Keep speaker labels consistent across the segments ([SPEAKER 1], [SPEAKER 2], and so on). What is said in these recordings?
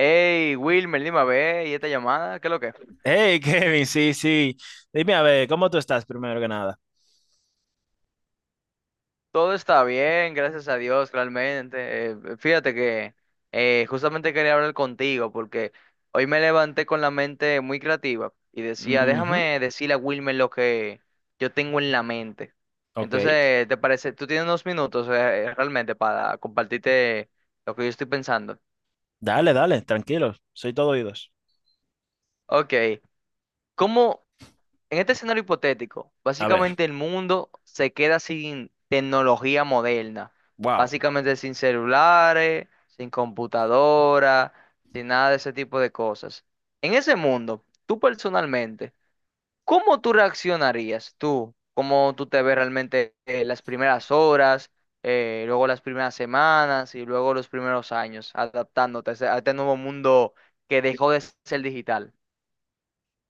[SPEAKER 1] Hey, Wilmer, dime a ver, ¿y esta llamada? ¿Qué es lo que es?
[SPEAKER 2] Hey, Kevin, sí, sí. Dime a ver, ¿cómo tú estás primero que nada?
[SPEAKER 1] Todo está bien, gracias a Dios, realmente. Fíjate que justamente quería hablar contigo porque hoy me levanté con la mente muy creativa y decía,
[SPEAKER 2] Ujú,
[SPEAKER 1] déjame decirle a Wilmer lo que yo tengo en la mente.
[SPEAKER 2] ok.
[SPEAKER 1] Entonces, ¿te parece? ¿Tú tienes unos minutos, realmente, para compartirte lo que yo estoy pensando?
[SPEAKER 2] Dale, dale, tranquilo. Soy todo oídos.
[SPEAKER 1] Ok, ¿cómo? En este escenario hipotético,
[SPEAKER 2] A ver,
[SPEAKER 1] básicamente el mundo se queda sin tecnología moderna,
[SPEAKER 2] wow.
[SPEAKER 1] básicamente sin celulares, sin computadora, sin nada de ese tipo de cosas. En ese mundo, tú personalmente, ¿cómo tú reaccionarías tú? ¿Cómo tú te ves realmente, las primeras horas, luego las primeras semanas y luego los primeros años adaptándote a a este nuevo mundo que dejó de ser digital,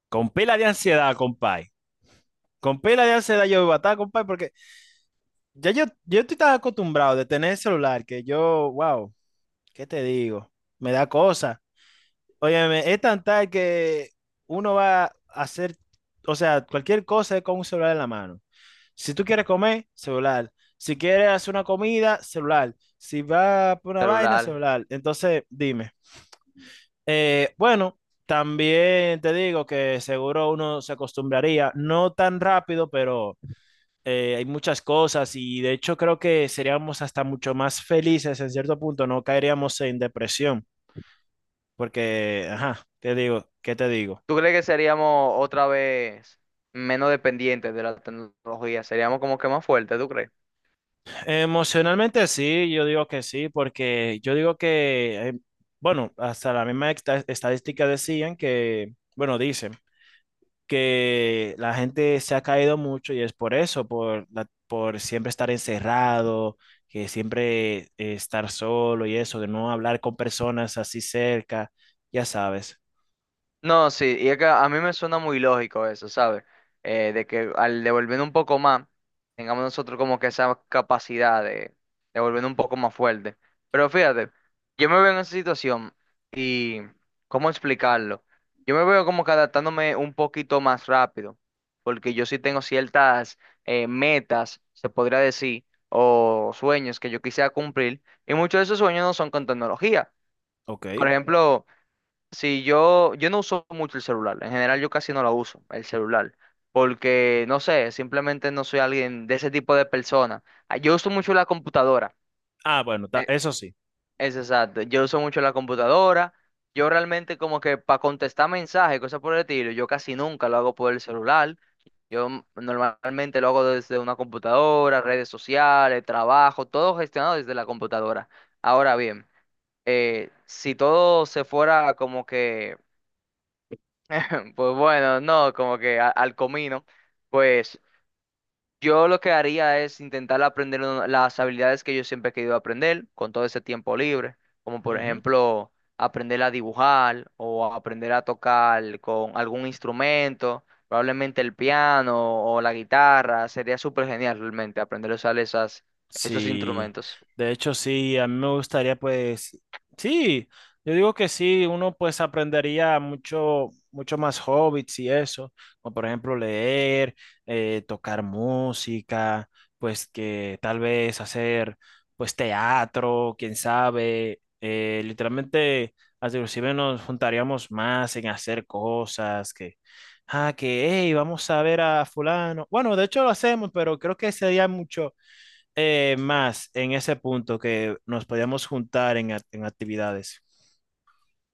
[SPEAKER 2] Con pila de ansiedad, compay. Con pila de ansiedad yo iba a estar, compay, porque ya yo estoy tan acostumbrado de tener el celular que yo, wow, ¿qué te digo? Me da cosa. Óyeme, es tan tal que uno va a hacer, o sea, cualquier cosa es con un celular en la mano. Si tú quieres comer, celular. Si quieres hacer una comida, celular. Si vas por una vaina,
[SPEAKER 1] celular?
[SPEAKER 2] celular. Entonces, dime. Bueno, también te digo que seguro uno se acostumbraría, no tan rápido, pero hay muchas cosas y de hecho creo que seríamos hasta mucho más felices en cierto punto, no caeríamos en depresión, porque, ajá, te digo, ¿qué te digo?
[SPEAKER 1] ¿Tú crees que seríamos otra vez menos dependientes de la tecnología? Seríamos como que más fuertes, ¿tú crees?
[SPEAKER 2] Emocionalmente sí, yo digo que sí, porque yo digo que, bueno, hasta la misma estadística decían que, bueno, dicen que la gente se ha caído mucho y es por eso, por, por siempre estar encerrado, que siempre estar solo y eso, de no hablar con personas así cerca, ya sabes.
[SPEAKER 1] No, sí, y es que a mí me suena muy lógico eso, ¿sabes? De que al devolver un poco más, tengamos nosotros como que esa capacidad de devolver un poco más fuerte. Pero fíjate, yo me veo en esa situación y, ¿cómo explicarlo? Yo me veo como que adaptándome un poquito más rápido, porque yo sí tengo ciertas metas, se podría decir, o sueños que yo quisiera cumplir, y muchos de esos sueños no son con tecnología.
[SPEAKER 2] Ok.
[SPEAKER 1] Por ejemplo... Sí, yo no uso mucho el celular. En general, yo casi no la uso, el celular. Porque, no sé, simplemente no soy alguien de ese tipo de persona. Ah, yo uso mucho la computadora.
[SPEAKER 2] Ah, bueno,
[SPEAKER 1] eh,
[SPEAKER 2] eso sí.
[SPEAKER 1] Es exacto. Yo uso mucho la computadora. Yo realmente como que para contestar mensajes, cosas por el estilo, yo casi nunca lo hago por el celular. Yo normalmente lo hago desde una computadora, redes sociales, trabajo, todo gestionado desde la computadora. Ahora bien, si todo se fuera como que pues bueno, no, como que al comino, pues yo lo que haría es intentar aprender las habilidades que yo siempre he querido aprender con todo ese tiempo libre, como por ejemplo aprender a dibujar o a aprender a tocar con algún instrumento, probablemente el piano o la guitarra, sería súper genial realmente aprender a usar esas, esos
[SPEAKER 2] Sí,
[SPEAKER 1] instrumentos.
[SPEAKER 2] de hecho sí, a mí me gustaría pues, sí, yo digo que sí, uno pues aprendería mucho, mucho más hobbits y eso, como por ejemplo leer, tocar música, pues que tal vez hacer pues teatro, quién sabe, literalmente hasta inclusive nos juntaríamos más en hacer cosas que, ah, que, hey, vamos a ver a fulano, bueno, de hecho lo hacemos, pero creo que sería mucho más en ese punto que nos podíamos juntar en, en actividades.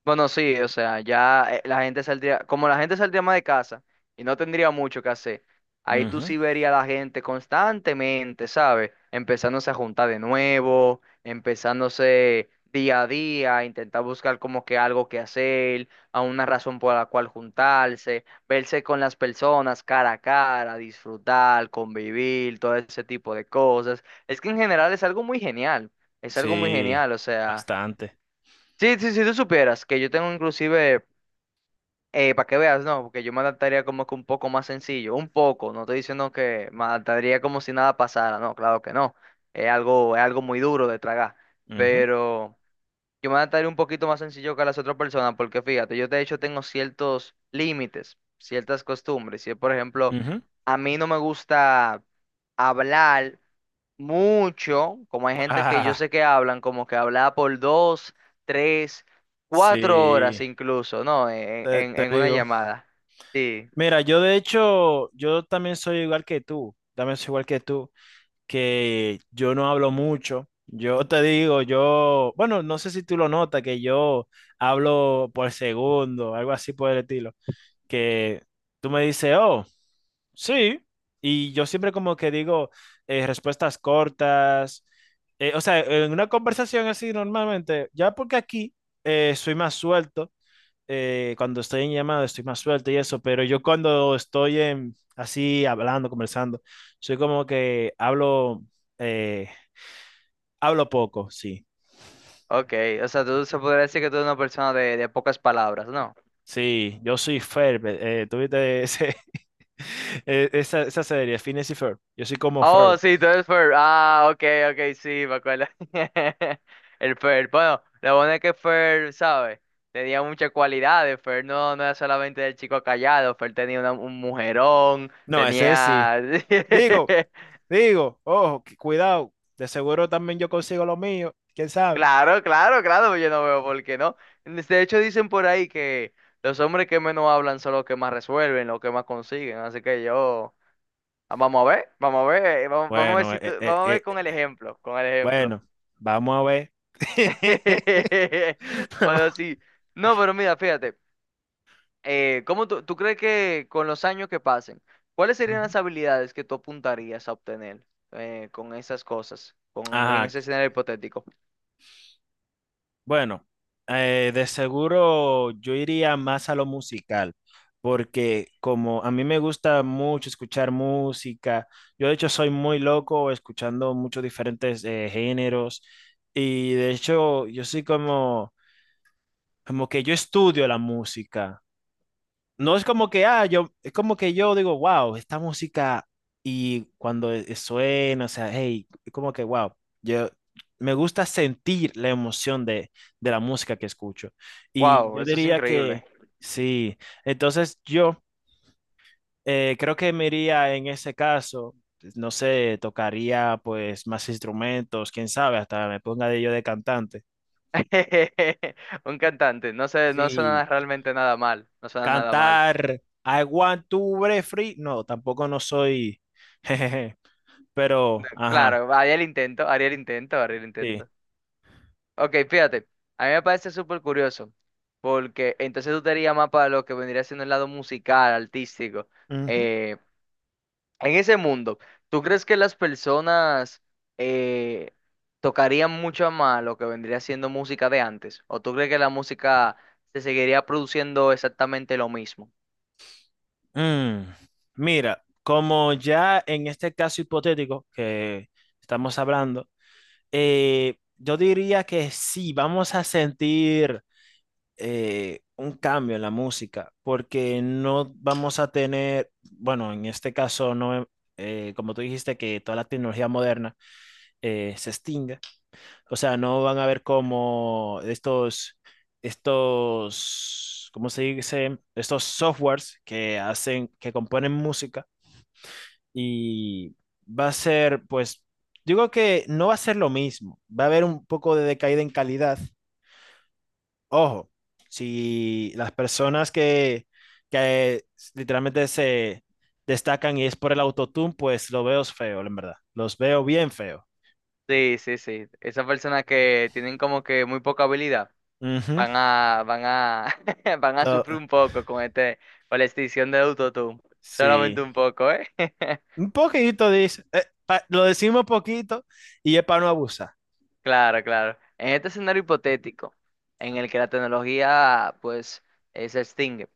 [SPEAKER 1] Bueno, sí, o sea, ya la gente saldría, como la gente saldría más de casa y no tendría mucho que hacer, ahí tú
[SPEAKER 2] Ujú.
[SPEAKER 1] sí verías a la gente constantemente, ¿sabes? Empezándose a juntar de nuevo, empezándose día a día, a intentar buscar como que algo que hacer, a una razón por la cual juntarse, verse con las personas cara a cara, disfrutar, convivir, todo ese tipo de cosas. Es que en general es algo muy genial, es algo muy
[SPEAKER 2] Sí,
[SPEAKER 1] genial, o sea.
[SPEAKER 2] bastante.
[SPEAKER 1] Sí, sí, si tú supieras que yo tengo inclusive, para que veas, no, porque yo me adaptaría como que un poco más sencillo, un poco, no estoy diciendo que me adaptaría como si nada pasara, no, claro que no, es algo muy duro de tragar,
[SPEAKER 2] Ujú,
[SPEAKER 1] pero yo me adaptaría un poquito más sencillo que las otras personas, porque fíjate, yo de hecho tengo ciertos límites, ciertas costumbres, si por ejemplo,
[SPEAKER 2] ujú.
[SPEAKER 1] a mí no me gusta hablar mucho, como hay gente que yo
[SPEAKER 2] Ah,
[SPEAKER 1] sé que hablan, como que hablaba por dos, tres, cuatro
[SPEAKER 2] sí,
[SPEAKER 1] horas incluso, ¿no?
[SPEAKER 2] te, te
[SPEAKER 1] En una
[SPEAKER 2] digo.
[SPEAKER 1] llamada. Sí,
[SPEAKER 2] Mira, yo de hecho, yo también soy igual que tú, también soy igual que tú, que yo no hablo mucho. Yo te digo, yo, bueno, no sé si tú lo notas, que yo hablo por segundo, algo así por el estilo, que tú me dices, oh. Sí, y yo siempre como que digo respuestas cortas, o sea, en una conversación así normalmente, ya porque aquí soy más suelto, cuando estoy en llamada estoy más suelto y eso, pero yo cuando estoy en, así hablando, conversando, soy como que hablo, eh, hablo poco, sí.
[SPEAKER 1] ok. O sea, tú se podría decir que tú eres una persona de pocas palabras, ¿no?
[SPEAKER 2] Sí, yo soy Ferb, tuviste ese, esa, esa serie, Phineas y Ferb, yo soy como
[SPEAKER 1] Oh,
[SPEAKER 2] Ferb.
[SPEAKER 1] sí, tú eres Fer. Ah, ok, ok, sí, me acuerdo. El Fer. Bueno, lo bueno es que Fer, ¿sabes? Tenía muchas cualidades. Fer no, no era solamente el chico callado. Fer tenía un mujerón.
[SPEAKER 2] No, ese es sí.
[SPEAKER 1] Tenía.
[SPEAKER 2] Digo, Digo, ojo, cuidado, de seguro también yo consigo lo mío, quién sabe.
[SPEAKER 1] Claro, claro, claro, yo no veo por qué no. De hecho, dicen por ahí que los hombres que menos hablan son los que más resuelven, los que más consiguen. Así que yo, ah, vamos a ver, vamos a ver, vamos, vamos a ver
[SPEAKER 2] Bueno,
[SPEAKER 1] si vamos a ver con el ejemplo, con el ejemplo.
[SPEAKER 2] bueno, vamos a ver. Vamos.
[SPEAKER 1] Pero sí, no, pero mira, fíjate, ¿cómo tú crees que con los años que pasen, cuáles serían
[SPEAKER 2] Ujú.
[SPEAKER 1] las habilidades que tú apuntarías a obtener con esas cosas, con, en
[SPEAKER 2] Ajá,
[SPEAKER 1] ese escenario hipotético?
[SPEAKER 2] bueno, de seguro yo iría más a lo musical, porque como a mí me gusta mucho escuchar música, yo de hecho soy muy loco escuchando muchos diferentes géneros y de hecho yo soy como, como que yo estudio la música. No es como que, ah, yo, es como que yo digo, wow, esta música y cuando suena, o sea, hey, es como que, wow, yo me gusta sentir la emoción de la música que escucho. Y
[SPEAKER 1] Wow,
[SPEAKER 2] yo
[SPEAKER 1] eso es
[SPEAKER 2] diría
[SPEAKER 1] increíble.
[SPEAKER 2] que sí, entonces yo creo que me iría en ese caso, pues, no sé, tocaría pues más instrumentos, quién sabe, hasta me ponga de yo de cantante.
[SPEAKER 1] Un cantante, no sé, no
[SPEAKER 2] Sí.
[SPEAKER 1] suena realmente nada mal, no suena nada mal.
[SPEAKER 2] Cantar I want to break free. No, tampoco no soy. jejeje, pero, ajá,
[SPEAKER 1] Claro, haría el intento, haría el intento, haría el
[SPEAKER 2] sí.
[SPEAKER 1] intento. Ok, fíjate, a mí me parece súper curioso, porque entonces tú te harías más para lo que vendría siendo el lado musical, artístico.
[SPEAKER 2] Ujú.
[SPEAKER 1] Eh, en ese mundo, ¿tú crees que las personas eh, tocarían mucho más lo que vendría siendo música de antes? ¿O tú crees que la música se seguiría produciendo exactamente lo mismo?
[SPEAKER 2] Mm, Mira, como ya en este caso hipotético que estamos hablando, yo diría que sí, vamos a sentir un cambio en la música, porque no vamos a tener, bueno, en este caso no, como tú dijiste que toda la tecnología moderna se extingue. O sea, no van a ver como estos, estos, ¿cómo se dice? Estos softwares que hacen, que componen música y va a ser, pues, digo que no va a ser lo mismo. Va a haber un poco de decaída en calidad. Ojo, si las personas que literalmente se destacan y es por el autotune, pues lo veo feo, en verdad. Los veo bien feo.
[SPEAKER 1] Sí, sí, sí. Esas personas que tienen como que muy poca habilidad
[SPEAKER 2] Ujú.
[SPEAKER 1] van a, van a
[SPEAKER 2] Lo-
[SPEAKER 1] sufrir un poco con este, con la extinción de autotune.
[SPEAKER 2] sí.
[SPEAKER 1] Solamente un poco, ¿eh?
[SPEAKER 2] Un poquito, dice. Lo decimos poquito y es para no abusar.
[SPEAKER 1] Claro, claro. En este escenario hipotético, en el que la tecnología, pues, se extingue,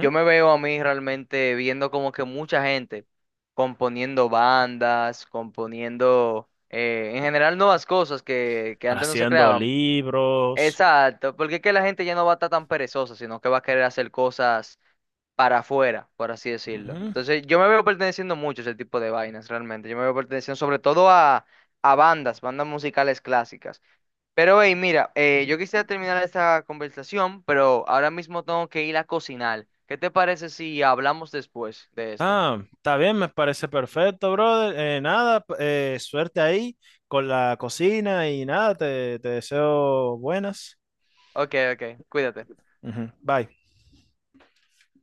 [SPEAKER 1] yo me veo a mí realmente viendo como que mucha gente componiendo bandas, componiendo, en general nuevas cosas que antes no se
[SPEAKER 2] Haciendo
[SPEAKER 1] creaban.
[SPEAKER 2] libros.
[SPEAKER 1] Exacto, porque es que la gente ya no va a estar tan perezosa, sino que va a querer hacer cosas para afuera, por así decirlo.
[SPEAKER 2] Ujú.
[SPEAKER 1] Entonces, yo me veo perteneciendo mucho a ese tipo de vainas, realmente. Yo me veo perteneciendo sobre todo a bandas, bandas musicales clásicas. Pero, hey, mira, yo quisiera terminar esta conversación, pero ahora mismo tengo que ir a cocinar. ¿Qué te parece si hablamos después de esto?
[SPEAKER 2] Ah, está bien, me parece perfecto, brother. Nada, suerte ahí con la cocina y nada, te deseo buenas.
[SPEAKER 1] Ok, ok, cuídate.
[SPEAKER 2] Ujú. Bye.